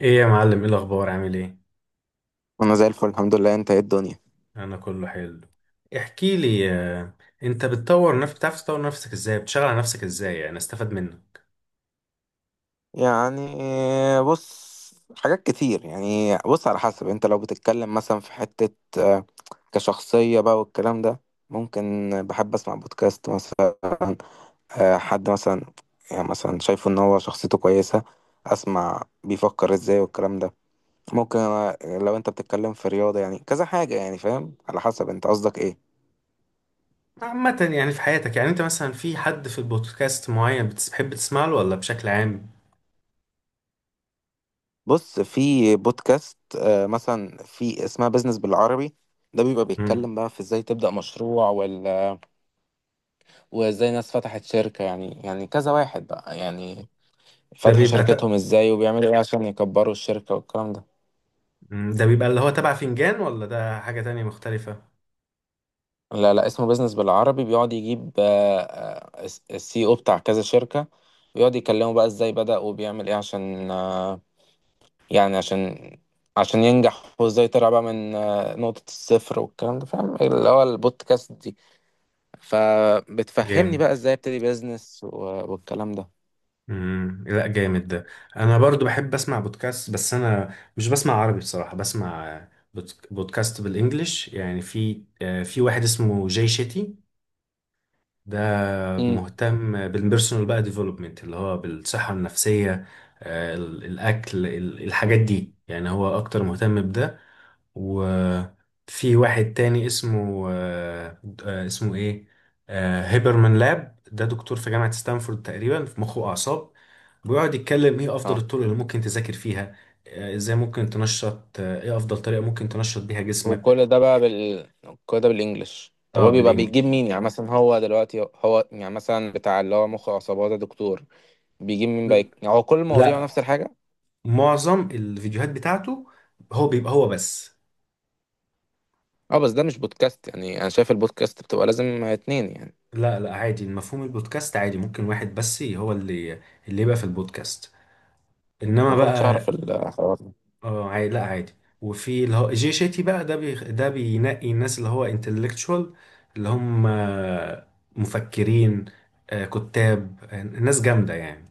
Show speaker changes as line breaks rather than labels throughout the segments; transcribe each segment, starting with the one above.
ايه يا معلم، ايه الاخبار؟ عامل ايه؟
انا زي الفل، الحمد لله. انت ايه الدنيا؟
انا كله حلو. احكي لي. انت بتطور نفسك؟ بتعرف تطور نفسك ازاي؟ بتشتغل على نفسك ازاي؟ يعني استفاد منك.
يعني بص، حاجات كتير. بص، على حسب انت لو بتتكلم مثلا في حتة، آه، كشخصية بقى والكلام ده، ممكن بحب اسمع بودكاست مثلا. حد مثلا يعني مثلا شايفه ان هو شخصيته كويسة، اسمع بيفكر ازاي والكلام ده. ممكن لو انت بتتكلم في رياضة يعني كذا حاجة، يعني فاهم، على حسب انت قصدك ايه.
عامة يعني في حياتك، يعني انت مثلا في حد في البودكاست معين بتحب تسمع له ولا بشكل عام؟
بص، في بودكاست مثلا في اسمها بيزنس بالعربي. ده بيبقى
مم.
بيتكلم بقى في ازاي تبدأ مشروع، ولا وازاي ناس فتحت شركة. يعني كذا واحد بقى يعني
ده
فتحوا
بيبقى
شركتهم ازاي وبيعملوا ايه عشان يكبروا الشركة والكلام ده.
ده بيبقى اللي هو تبع فنجان، ولا ده حاجة تانية مختلفة؟
لا اسمه بيزنس بالعربي، بيقعد يجيب السي او بتاع كذا شركة، ويقعد يكلموا بقى ازاي بدأ وبيعمل ايه عشان يعني عشان ينجح، وازاي طلع بقى من نقطة الصفر والكلام ده. فاهم اللي هو البودكاست فبتفهمني بقى
جامد.
ازاي ابتدي بيزنس والكلام ده.
لا جامد ده. انا برضو بحب اسمع بودكاست، بس انا مش بسمع عربي بصراحة، بسمع بودكاست بالانجلش. يعني في، في واحد اسمه جاي شيتي. ده
امم،
مهتم بالبيرسونال بقى ديفلوبمنت، اللي هو بالصحة النفسية. الاكل، الحاجات دي، يعني هو اكتر مهتم بده. وفي واحد تاني اسمه اسمه ايه، هيبرمان لاب. ده دكتور في جامعة ستانفورد تقريبا في مخ وأعصاب. بيقعد يتكلم ايه أفضل
اه.
الطرق اللي ممكن تذاكر فيها، ازاي ممكن تنشط، ايه أفضل طريقة ممكن تنشط بيها جسمك.
وكل ده بقى كل ده بالانجلش. طب
اه
هو بيبقى بيجيب
بالإنجليش.
مين؟ يعني مثلا هو دلوقتي، يعني مثلا بتاع اللي هو مخ وعصابات ده دكتور، بيجيب مين بقى؟ يعني هو كل المواضيع
لا.
نفس الحاجة؟
معظم الفيديوهات بتاعته هو بيبقى هو بس.
اه بس ده مش بودكاست، يعني انا شايف البودكاست بتبقى لازم اتنين يعني.
لا لا، عادي، مفهوم البودكاست عادي، ممكن واحد بس هو اللي اللي يبقى في البودكاست، انما
ما كنتش
بقى.
اعرف الحوار ده.
اه عادي، لا عادي. وفي اللي هو جي شيتي بقى، ده بينقي الناس اللي هو انتلكتشوال، اللي هم، مفكرين، كتاب، ناس جامدة يعني.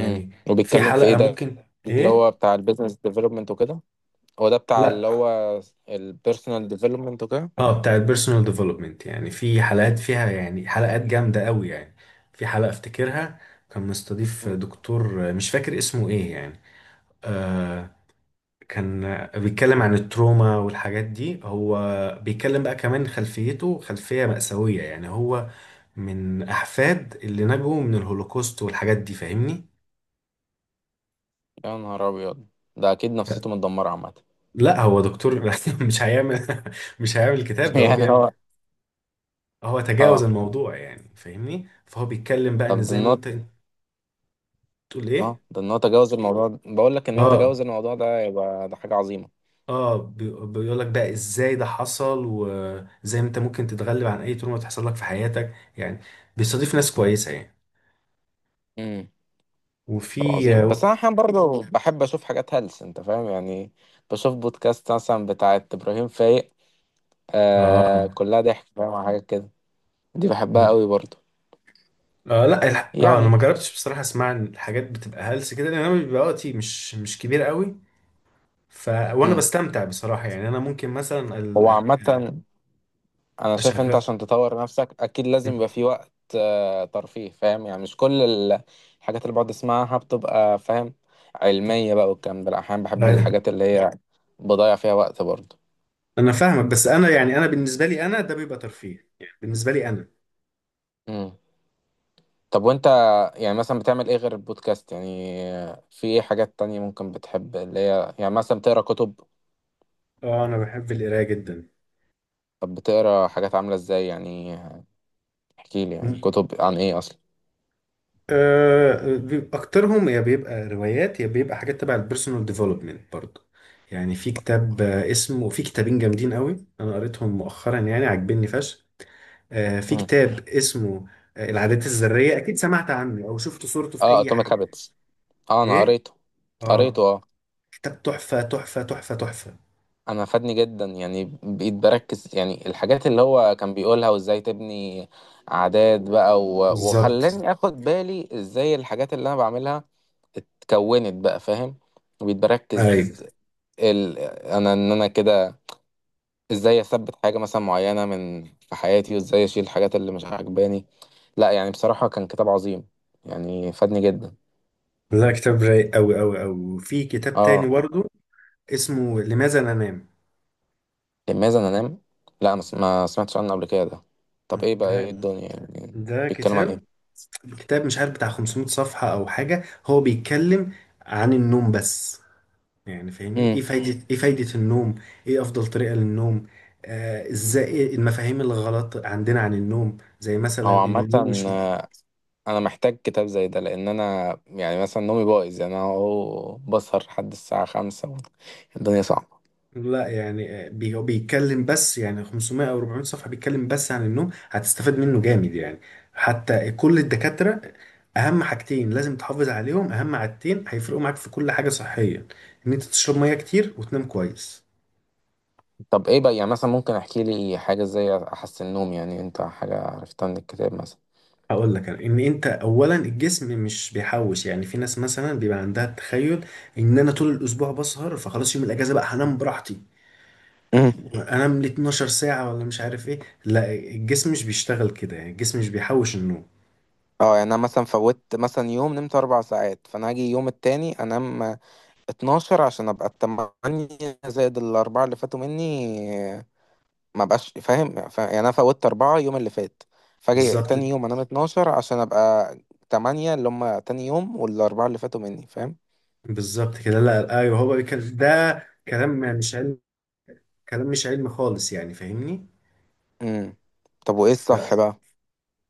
امم.
في ده
وبيتكلم
حلقة
في ايه
بتاع
ده؟
ممكن.
اللي
ايه.
هو بتاع البيزنس ديفلوبمنت وكده؟ هو ده بتاع
لا.
اللي هو البيرسونال ديفلوبمنت وكده؟
اه بتاع البيرسونال ديفلوبمنت، يعني في حلقات فيها، يعني حلقات جامدة قوي يعني. في حلقة افتكرها، كان مستضيف دكتور، مش فاكر اسمه ايه يعني، آه، كان بيتكلم عن التروما والحاجات دي. هو بيتكلم بقى كمان خلفيته خلفية مأساوية، يعني هو من أحفاد اللي نجوا من الهولوكوست والحاجات دي، فاهمني؟
يا نهار ابيض، ده اكيد نفسيته متدمره عامه.
لا هو دكتور مش هيعمل مش هيعمل الكتاب ده، هو
يعني هو
بيعمل. هو تجاوز
اه.
الموضوع، يعني فاهمني؟ فهو بيتكلم بقى إن
طب ده
إزاي ما أنت
النوت.
أنت تقول إيه؟
اه، ده ان هو تجاوز الموضوع ده. بقول لك ان هو تجاوز
آه.
الموضوع ده يبقى ده حاجه عظيمه.
اه بيقول لك بقى ازاي ده حصل، وازاي انت ممكن تتغلب عن اي تروما تحصل لك في حياتك يعني. بيستضيف ناس كويسة يعني.
امم. طب
وفي.
عظيم، بس انا احيانا برضه بحب اشوف حاجات هلس، انت فاهم يعني. بشوف بودكاست مثلا بتاعت ابراهيم فايق، آه،
اه.
كلها ضحك، فاهم حاجات كده. دي بحبها قوي برضه
آه لا الح... اه انا
يعني.
ما جربتش بصراحه، اسمع إن الحاجات بتبقى هلس كده، لان انا بيبقى وقتي مش كبير قوي. وانا
امم.
بستمتع بصراحه يعني. انا ممكن مثلا
هو عامه انا شايف انت
اشغل.
عشان تطور نفسك اكيد لازم يبقى في وقت ترفيه، فاهم يعني؟ مش كل الحاجات اللي بقعد اسمعها بتبقى، فاهم، علمية بقى والكلام ده. لا، احيانا بحب
لا
الحاجات اللي هي بضيع فيها وقت برضه.
انا فاهمك، بس انا يعني، انا بالنسبه لي انا ده بيبقى ترفيه يعني، بالنسبه لي انا.
امم. طب وانت يعني مثلا بتعمل ايه غير البودكاست؟ يعني في ايه حاجات تانية ممكن بتحب؟ اللي هي يعني مثلا بتقرا كتب؟
اه انا بحب القرايه جدا.
طب بتقرا حاجات عاملة ازاي يعني؟ احكي لي، يعني
م-
كتب عن ايه اصلا.
آه بيبقى اكترهم، يا بيبقى روايات، يا بيبقى حاجات تبع البيرسونال ديفلوبمنت برضه. يعني في كتاب، اسمه، في كتابين جامدين قوي انا قريتهم مؤخرا، يعني عاجبني فشخ. في
امم.
كتاب اسمه، العادات الذرية، أكيد سمعت عنه أو شفت صورته في
اه
أي
اتوميك
حاجة.
هابتس. اه انا
إيه؟
قريته.
آه.
قريته اه.
كتاب تحفة تحفة تحفة تحفة.
انا فادني جدا، يعني بقيت بركز يعني الحاجات اللي هو كان بيقولها وازاي تبني عادات بقى و...
بالظبط.
وخلاني اخد بالي ازاي الحاجات اللي انا بعملها اتكونت بقى، فاهم. بقيت
أيوة.
بركز انا كده ازاي اثبت حاجة مثلا معينة من في حياتي، وازاي اشيل الحاجات اللي مش عاجباني. لا يعني بصراحة كان كتاب عظيم، يعني فادني جدا.
لا كتاب رايق أوي أوي أوي. وفي كتاب تاني
اه
برضه اسمه لماذا ننام.
لماذا انام. لا ما سمعتش عنه قبل كده ده. طب ايه بقى؟ ايه
ده
الدنيا يعني؟ بيتكلم عن
كتاب، مش عارف بتاع 500 صفحة أو حاجة. هو بيتكلم عن النوم بس، يعني فاهمني، ايه
ايه؟
فايدة، ايه فايدة النوم، ايه افضل طريقة للنوم، آه ازاي، إيه المفاهيم الغلط عندنا عن النوم؟ زي مثلا
هو
ان
عامة،
النوم مش م-
آه، أنا محتاج كتاب زي ده، لأن أنا يعني مثلا نومي بايظ. يعني أنا أهو بسهر لحد الساعة 5، الدنيا صعبة.
لا يعني، هو بيتكلم بس يعني 500 او 400 صفحة، بيتكلم بس عن النوم. هتستفاد منه جامد يعني. حتى كل الدكاترة، اهم حاجتين لازم تحافظ عليهم، اهم عادتين هيفرقوا معاك في كل حاجة صحيا، ان انت تشرب مية كتير وتنام كويس.
طب إيه بقى؟ يعني مثلا ممكن أحكي لي حاجة إزاي أحسن نوم؟ يعني أنت حاجة عرفتها من الكتاب مثلا.
هقول لك أنا، ان انت اولا الجسم مش بيحوش. يعني في ناس مثلا بيبقى عندها التخيل ان انا طول الاسبوع بسهر، فخلاص يوم الاجازه بقى هنام براحتي،
مم.
انام ل 12 ساعه ولا مش عارف ايه. لا الجسم مش بيشتغل كده، يعني الجسم مش بيحوش النوم.
اه، يعني أنا مثلا فوتت مثلا يوم نمت 4 ساعات، فأنا هاجي يوم التاني أنام 12 عشان أبقى ال8 زائد ال4 اللي فاتوا مني. ما بقاش فاهم؟ يعني انا فوتت 4 يوم اللي فات، فاجي
بالظبط.
تاني يوم انام 12 عشان ابقى 8، اللي هم تاني يوم والاربعة اللي فاتوا مني، فاهم.
بالظبط كده. لا ايوه، هو ده كلام مش علم، كلام مش علمي خالص، يعني فاهمني.
امم. طب وايه
ف
الصح بقى؟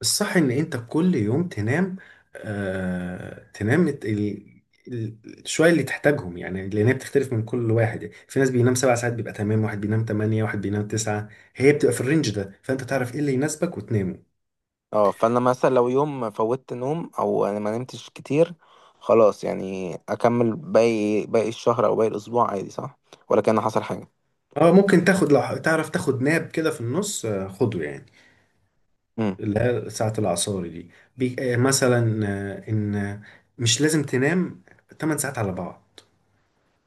الصح ان انت كل يوم تنام، آه تنام ال... الشوية اللي تحتاجهم، يعني لان هي بتختلف من كل واحد. يعني في ناس بينام سبع ساعات بيبقى تمام، واحد بينام تمانية، واحد بينام تسعة. هي بتبقى في الرينج ده، فانت تعرف ايه اللي يناسبك وتنامه.
اه، فانا مثلا لو يوم فوتت نوم او انا ما نمتش كتير، خلاص يعني اكمل باقي الشهر او باقي الاسبوع عادي، صح؟ ولا كان حصل حاجة؟
اه ممكن تاخد، لو تعرف تاخد ناب كده في النص، خده يعني،
امم.
اللي هي ساعة العصاري دي. بي... آه مثلا آه ان آه، مش لازم تنام 8 ساعات على بعض.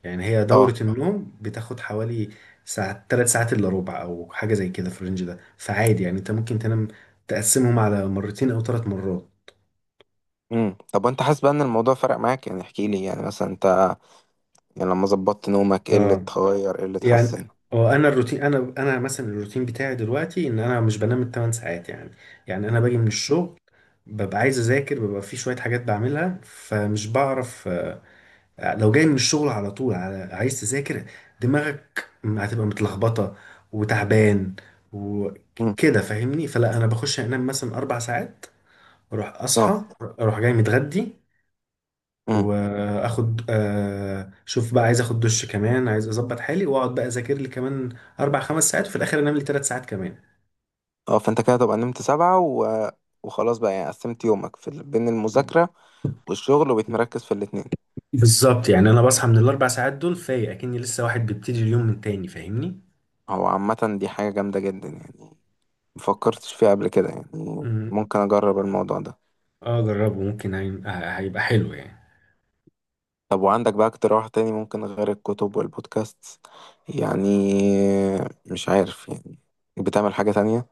يعني هي
اه.
دورة النوم بتاخد حوالي ساعة، تلات ساعات إلا ربع، أو حاجة زي كده في الرينج ده، فعادي يعني أنت ممكن تنام، تقسمهم على مرتين أو تلات مرات.
امم. طب وانت حاسس بقى ان الموضوع فرق معاك؟ يعني احكي لي يعني مثلا انت، يعني لما ظبطت نومك ايه اللي
اه.
اتغير، ايه اللي
يعني
اتحسن؟
اه، انا الروتين، انا مثلا الروتين بتاعي دلوقتي ان انا مش بنام الثمان ساعات يعني. يعني انا باجي من الشغل، ببقى عايز اذاكر، ببقى في شويه حاجات بعملها، فمش بعرف لو جاي من الشغل على طول على عايز تذاكر، دماغك هتبقى متلخبطة وتعبان
امم.
وكده، فاهمني. فلا انا بخش انام مثلا اربع ساعات، اروح
اه.
اصحى، اروح جاي متغدي،
امم.
واخد آه، شوف بقى عايز اخد دش كمان، عايز اظبط حالي، واقعد بقى اذاكر لي كمان اربع خمس ساعات، وفي الاخر انام لي ثلاث ساعات كمان.
اه، فانت كده تبقى نمت 7 و... وخلاص بقى، يعني قسمت يومك في بين المذاكرة والشغل، وبتمركز في الاتنين.
بالظبط، يعني انا بصحى من الاربع ساعات دول فايق اكني لسه واحد بيبتدي اليوم من تاني، فاهمني.
هو عامة دي حاجة جامدة جدا يعني، مفكرتش فيها قبل كده يعني.
امم
ممكن أجرب الموضوع ده.
اه جربه، ممكن هيبقى حلو يعني.
طب وعندك بقى اقتراح تاني ممكن غير الكتب والبودكاست؟ يعني مش عارف يعني، بتعمل حاجة تانية؟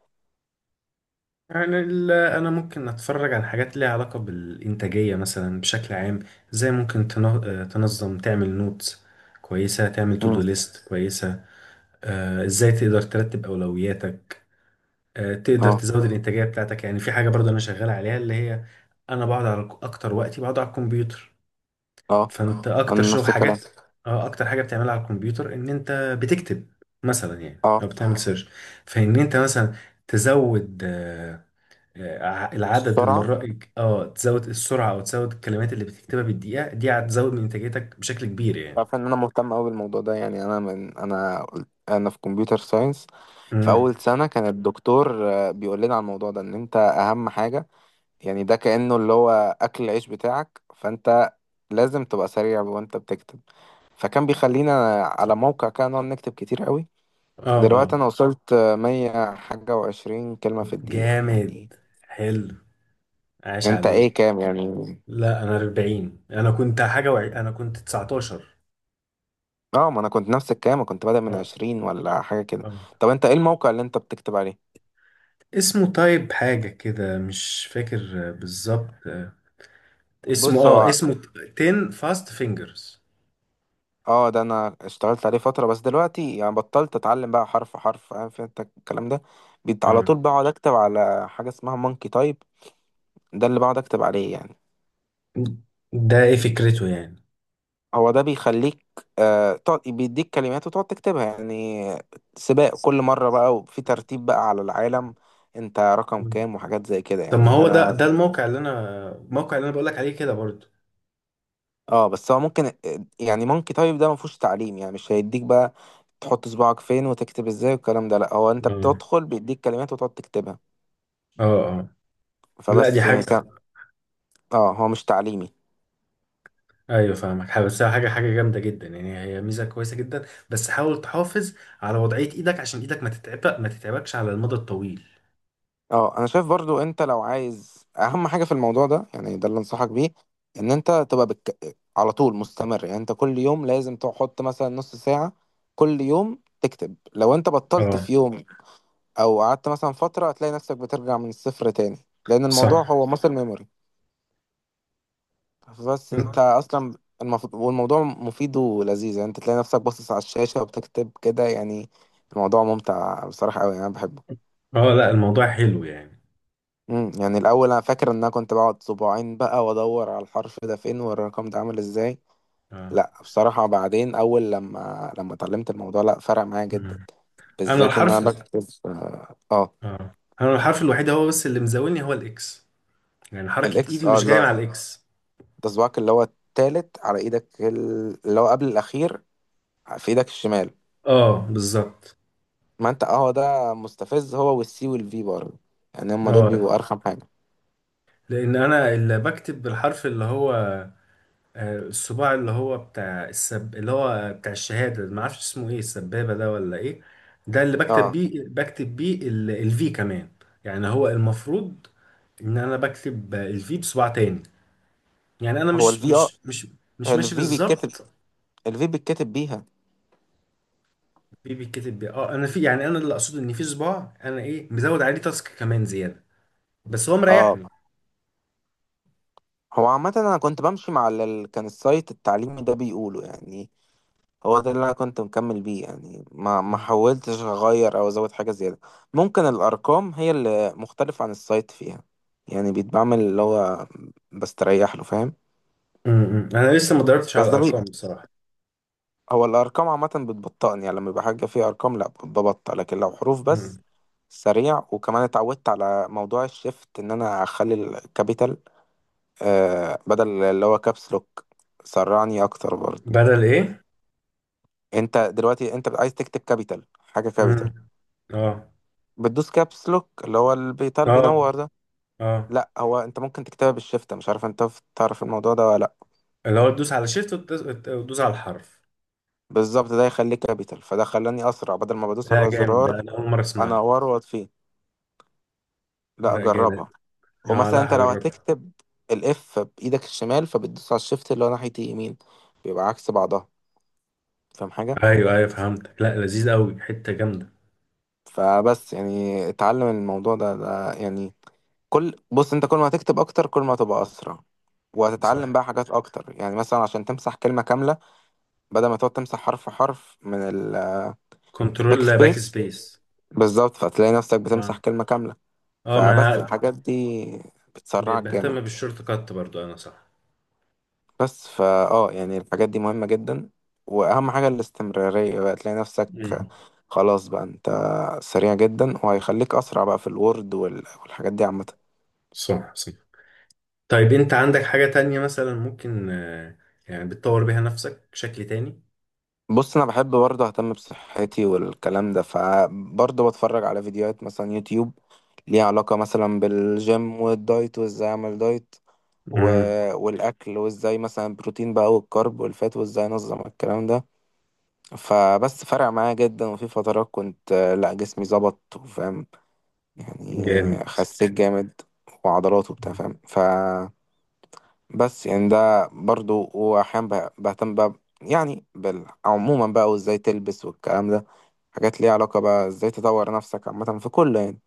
يعني انا ممكن اتفرج على حاجات ليها علاقه بالانتاجيه مثلا بشكل عام، زي ممكن تنظم، تعمل نوتس كويسه، تعمل تو
مم.
دو ليست كويسه، ازاي تقدر ترتب اولوياتك، تقدر
اه.
تزود الانتاجيه بتاعتك. يعني في حاجه برضه انا شغال عليها، اللي هي، انا بقعد على اكتر وقتي بقعد على الكمبيوتر.
اه.
فانت اه اكتر
أنا
شغل
نفس
حاجات.
الكلام.
اه اكتر حاجه بتعملها على الكمبيوتر ان انت بتكتب مثلا يعني،
اه.
او بتعمل اه سيرش. فان انت مثلا تزود، العدد
السرعة.
المرات، اه تزود السرعة، او تزود الكلمات اللي بتكتبها بالدقيقة، دي هتزود من انتاجيتك بشكل كبير يعني.
تعرف ان انا مهتم قوي بالموضوع ده، يعني انا انا في كمبيوتر ساينس. في
امم
اول سنه كان الدكتور بيقول لنا على الموضوع ده، ان انت اهم حاجه، يعني ده كانه اللي هو اكل العيش بتاعك، فانت لازم تبقى سريع وانت بتكتب. فكان بيخلينا على موقع كده نقعد نكتب كتير قوي.
اه.
دلوقتي انا
اه.
وصلت 120 كلمة في الدقيقة تقريبا يعني.
جامد. حلو. عاش
انت ايه،
عليك.
كام يعني؟
لا انا 40. انا كنت انا كنت 19.
اه، ما انا كنت نفس الكلام، كنت بادئ من
اه.
20 ولا حاجه كده.
آه.
طب انت ايه الموقع اللي انت بتكتب عليه؟
اسمه طيب حاجة كده مش فاكر بالظبط اسمه
بص
اه
هو
اسمه 10 فاست فينجرز.
اه، ده انا اشتغلت عليه فترة بس دلوقتي يعني بطلت. اتعلم بقى حرف حرف، فاهم، في انت الكلام ده. بيت على
اه
طول، بقعد اكتب على حاجة اسمها مونكي تايب. ده اللي بقعد اكتب عليه يعني.
ده ايه فكرته؟
هو ده بيخليك آه تقعد بيديك كلمات وتقعد تكتبها يعني. سباق
يعني،
كل مرة بقى، وفي ترتيب بقى على العالم، انت رقم كام وحاجات زي كده.
طب ما
يعني
هو ده
انا
الموقع اللي انا بقول لك عليه كده برضو.
اه بس هو ممكن، يعني مونكي تايب ده مفهوش تعليم، يعني مش هيديك بقى تحط صباعك فين وتكتب ازاي والكلام ده. لا هو انت
اه
بتدخل بيديك كلمات وتقعد تكتبها.
اه اه. لا دي
فبس يعني
حاجة.
كان، اه هو مش تعليمي.
ايوه فاهمك بس هي حاجة جامدة جدا يعني، هي ميزة كويسة جدا. بس حاول تحافظ على وضعية ايدك، عشان ايدك ما تتعبكش على المدى الطويل.
اه انا شايف برضو انت لو عايز اهم حاجة في الموضوع ده، يعني ده اللي انصحك بيه، ان انت تبقى على طول مستمر. يعني انت كل يوم لازم تحط مثلا نص ساعة كل يوم تكتب. لو انت بطلت
اه.
في يوم او قعدت مثلا فترة، هتلاقي نفسك بترجع من الصفر تاني، لان
صح.
الموضوع هو muscle ميموري. بس انت اصلا المفروض، والموضوع مفيد ولذيذ يعني. انت تلاقي نفسك باصص على الشاشة وبتكتب كده يعني، الموضوع ممتع بصراحة قوي، يعني انا بحبه.
اه لا الموضوع حلو يعني.
امم. يعني الاول انا فاكر ان انا كنت بقعد صباعين بقى وادور على الحرف ده فين والرقم ده عامل ازاي.
اه.
لا بصراحة بعدين، اول لما اتعلمت الموضوع لا فرق معايا جدا،
مم. انا
بالذات ان انا
الحرف.
بكتب اه
اه. انا الحرف الوحيد هو بس اللي مزاولني هو الاكس. يعني حركة
الاكس
ايدي
اه
مش
اللي
جاية
هو
مع الاكس.
ده صباعك اللي هو التالت على ايدك اللي هو قبل الاخير في ايدك الشمال.
اه بالظبط.
ما انت اه هو ده مستفز، هو والسي والفي برضه، يعني هما دول بيبقوا
اه
ارخم حاجة.
لان انا اللي بكتب بالحرف اللي هو، الصباع اللي هو بتاع السب، اللي هو بتاع الشهادة، ما اعرفش اسمه ايه، السبابة ده ولا ايه؟ ده اللي بكتب
اه
بيه، الفي كمان. يعني هو المفروض ان انا بكتب الفي بصباع تاني. يعني انا
هو
مش
الفي، اه
مش ماشي
الفي بيتكتب،
بالظبط.
الفي بيتكتب بيها.
بيتكتب بيه. اه انا في، يعني انا اللي اقصده ان في صباع انا ايه مزود عليه تاسك كمان زيادة، بس هو
اه
مريحني.
هو عامة أنا كنت بمشي مع كان السايت التعليمي ده بيقوله يعني، هو ده اللي أنا كنت مكمل بيه يعني، ما
مم.
حاولتش أغير أو أزود حاجة زيادة. ممكن الأرقام هي اللي مختلفة عن السايت فيها، يعني بيتعمل اللي هو بستريح له، فاهم.
انا لسه ما دورتش على
بس ده بي
الارقام بصراحة.
هو الأرقام عامة بتبطئني، يعني لما يبقى حاجة فيها أرقام لأ ببطأ، لكن لو حروف بس
مم.
سريع. وكمان اتعودت على موضوع الشيفت، إن أنا أخلي الكابيتال آه بدل اللي هو كابس لوك، سرعني أكتر برضه.
بدل ايه؟
انت دلوقتي انت عايز تكتب كابيتال، حاجه كابيتال
مم. اه.
بتدوس كابس لوك اللي هو البيتال
اه.
بينور ده.
اه
لا هو انت ممكن تكتبها بالشفت، مش عارف انت تعرف الموضوع ده ولا لا.
اللي هو تدوس على شيفت وتدوس على الحرف.
بالظبط، ده يخليه كابيتال، فده خلاني اسرع بدل ما بدوس
لا
على
جامد ده،
الزرار
انا اول مره اسمعها.
انوره واطفيه. لا
لا جامد.
اجربها.
اه
ومثلا
لا
انت لو
هجربها.
هتكتب الاف بايدك الشمال، فبتدوس على الشفت اللي هو ناحيه اليمين، بيبقى عكس بعضها، فاهم حاجه.
ايوه ايوه فهمتك، لا لذيذ قوي، حته جامده.
فبس يعني اتعلم الموضوع ده، ده يعني كل، بص انت كل ما هتكتب اكتر كل ما هتبقى اسرع، وهتتعلم
صح.
بقى حاجات اكتر. يعني مثلا عشان تمسح كلمة كاملة بدل ما تقعد تمسح حرف حرف من الباك
كنترول باك
سبيس،
سبيس.
بالظبط، فتلاقي نفسك بتمسح
اه.
كلمة كاملة.
اه ما
فبس
انا
الحاجات دي
بقيت
بتسرعك
بهتم
جامد.
بالشورت كات برضو انا، صح.
بس فا اه يعني الحاجات دي مهمة جدا، واهم حاجة الاستمرارية بقى. تلاقي نفسك
مم.
خلاص بقى انت سريع جدا، وهيخليك اسرع بقى في الوورد وال- والحاجات دي عامة.
صح صح. طيب انت عندك حاجه تانية مثلا ممكن يعني بتطور بيها نفسك بشكل تاني؟
بص انا بحب برضه اهتم بصحتي والكلام ده، فبرضه بتفرج على فيديوهات مثلا يوتيوب ليها علاقة مثلا بالجيم والدايت، وازاي اعمل دايت و...
امم
والاكل، وازاي مثلا بروتين بقى والكارب والفات، وازاي انظم الكلام ده. فبس فرق معايا جدا، وفي فترات كنت لا جسمي ظبط، وفاهم يعني،
جامد.
خسيت جامد وعضلات وبتاع، فاهم. فبس يعني ده برضه، واحيانا بهتم بقى يعني عموما بقى وازاي تلبس والكلام ده، حاجات ليها علاقة بقى ازاي تطور نفسك عامة في كل يعني.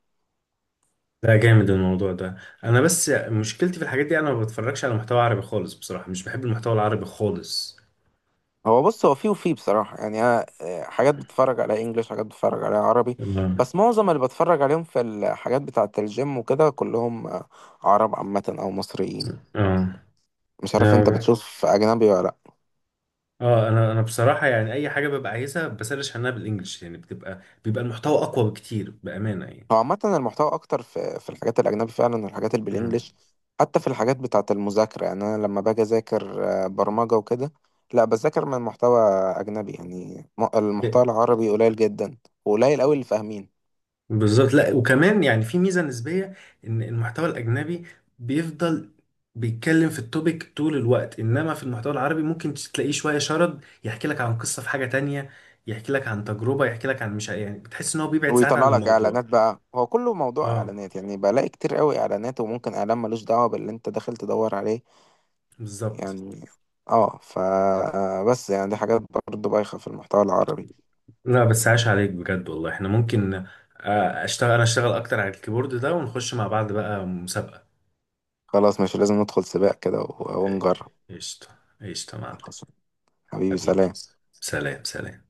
ده جامد الموضوع ده. انا بس مشكلتي في الحاجات دي، انا ما بتفرجش على محتوى عربي خالص بصراحة، مش بحب المحتوى العربي خالص.
هو بص هو فيه وفيه بصراحة، يعني أنا حاجات بتفرج على إنجليش، حاجات بتفرج على عربي.
اه.
بس معظم اللي بتفرج عليهم في الحاجات بتاعة الجيم وكده كلهم عرب عامة أو مصريين.
اه.
مش عارف أنت
اه.
بتشوف أجنبي ولا لأ.
انا بصراحة يعني، اي حاجة ببقى عايزها بسرش عنها بالانجلش، يعني بيبقى المحتوى اقوى بكتير بأمانة يعني.
هو عامة المحتوى أكتر في الحاجات الأجنبي فعلا، والحاجات اللي
مم.
بالإنجليش. حتى في الحاجات بتاعة المذاكرة، يعني أنا لما باجي أذاكر برمجة وكده، لأ بذاكر من محتوى أجنبي. يعني المحتوى العربي قليل جدا، وقليل أوي اللي فاهمينه.
بالظبط. لا وكمان يعني في ميزه نسبيه، ان المحتوى الاجنبي بيفضل بيتكلم في التوبيك طول الوقت، انما في المحتوى العربي ممكن تلاقيه شويه شرد، يحكي لك عن قصه في حاجه تانية، يحكي لك عن تجربه، يحكي لك عن مش يعني، بتحس ان هو بيبعد ساعات عن
ويطلع لك
الموضوع.
اعلانات بقى، هو كله موضوع
اه
اعلانات، يعني بلاقي كتير قوي اعلانات، وممكن اعلان ملوش دعوه باللي انت داخل تدور عليه
بالظبط.
يعني. اه ف بس يعني دي حاجات برضه بايخه في المحتوى العربي.
لا بس عاش عليك بجد والله، احنا ممكن آه، اشتغل انا اشتغل اكتر على الكيبورد ده ونخش مع بعض بقى مسابقه.
خلاص مش لازم ندخل سباق كده و- ونجرب.
قشطه قشطه يا معلم.
خلاص، حبيبي
حبيبي
سلام.
سلام. سلام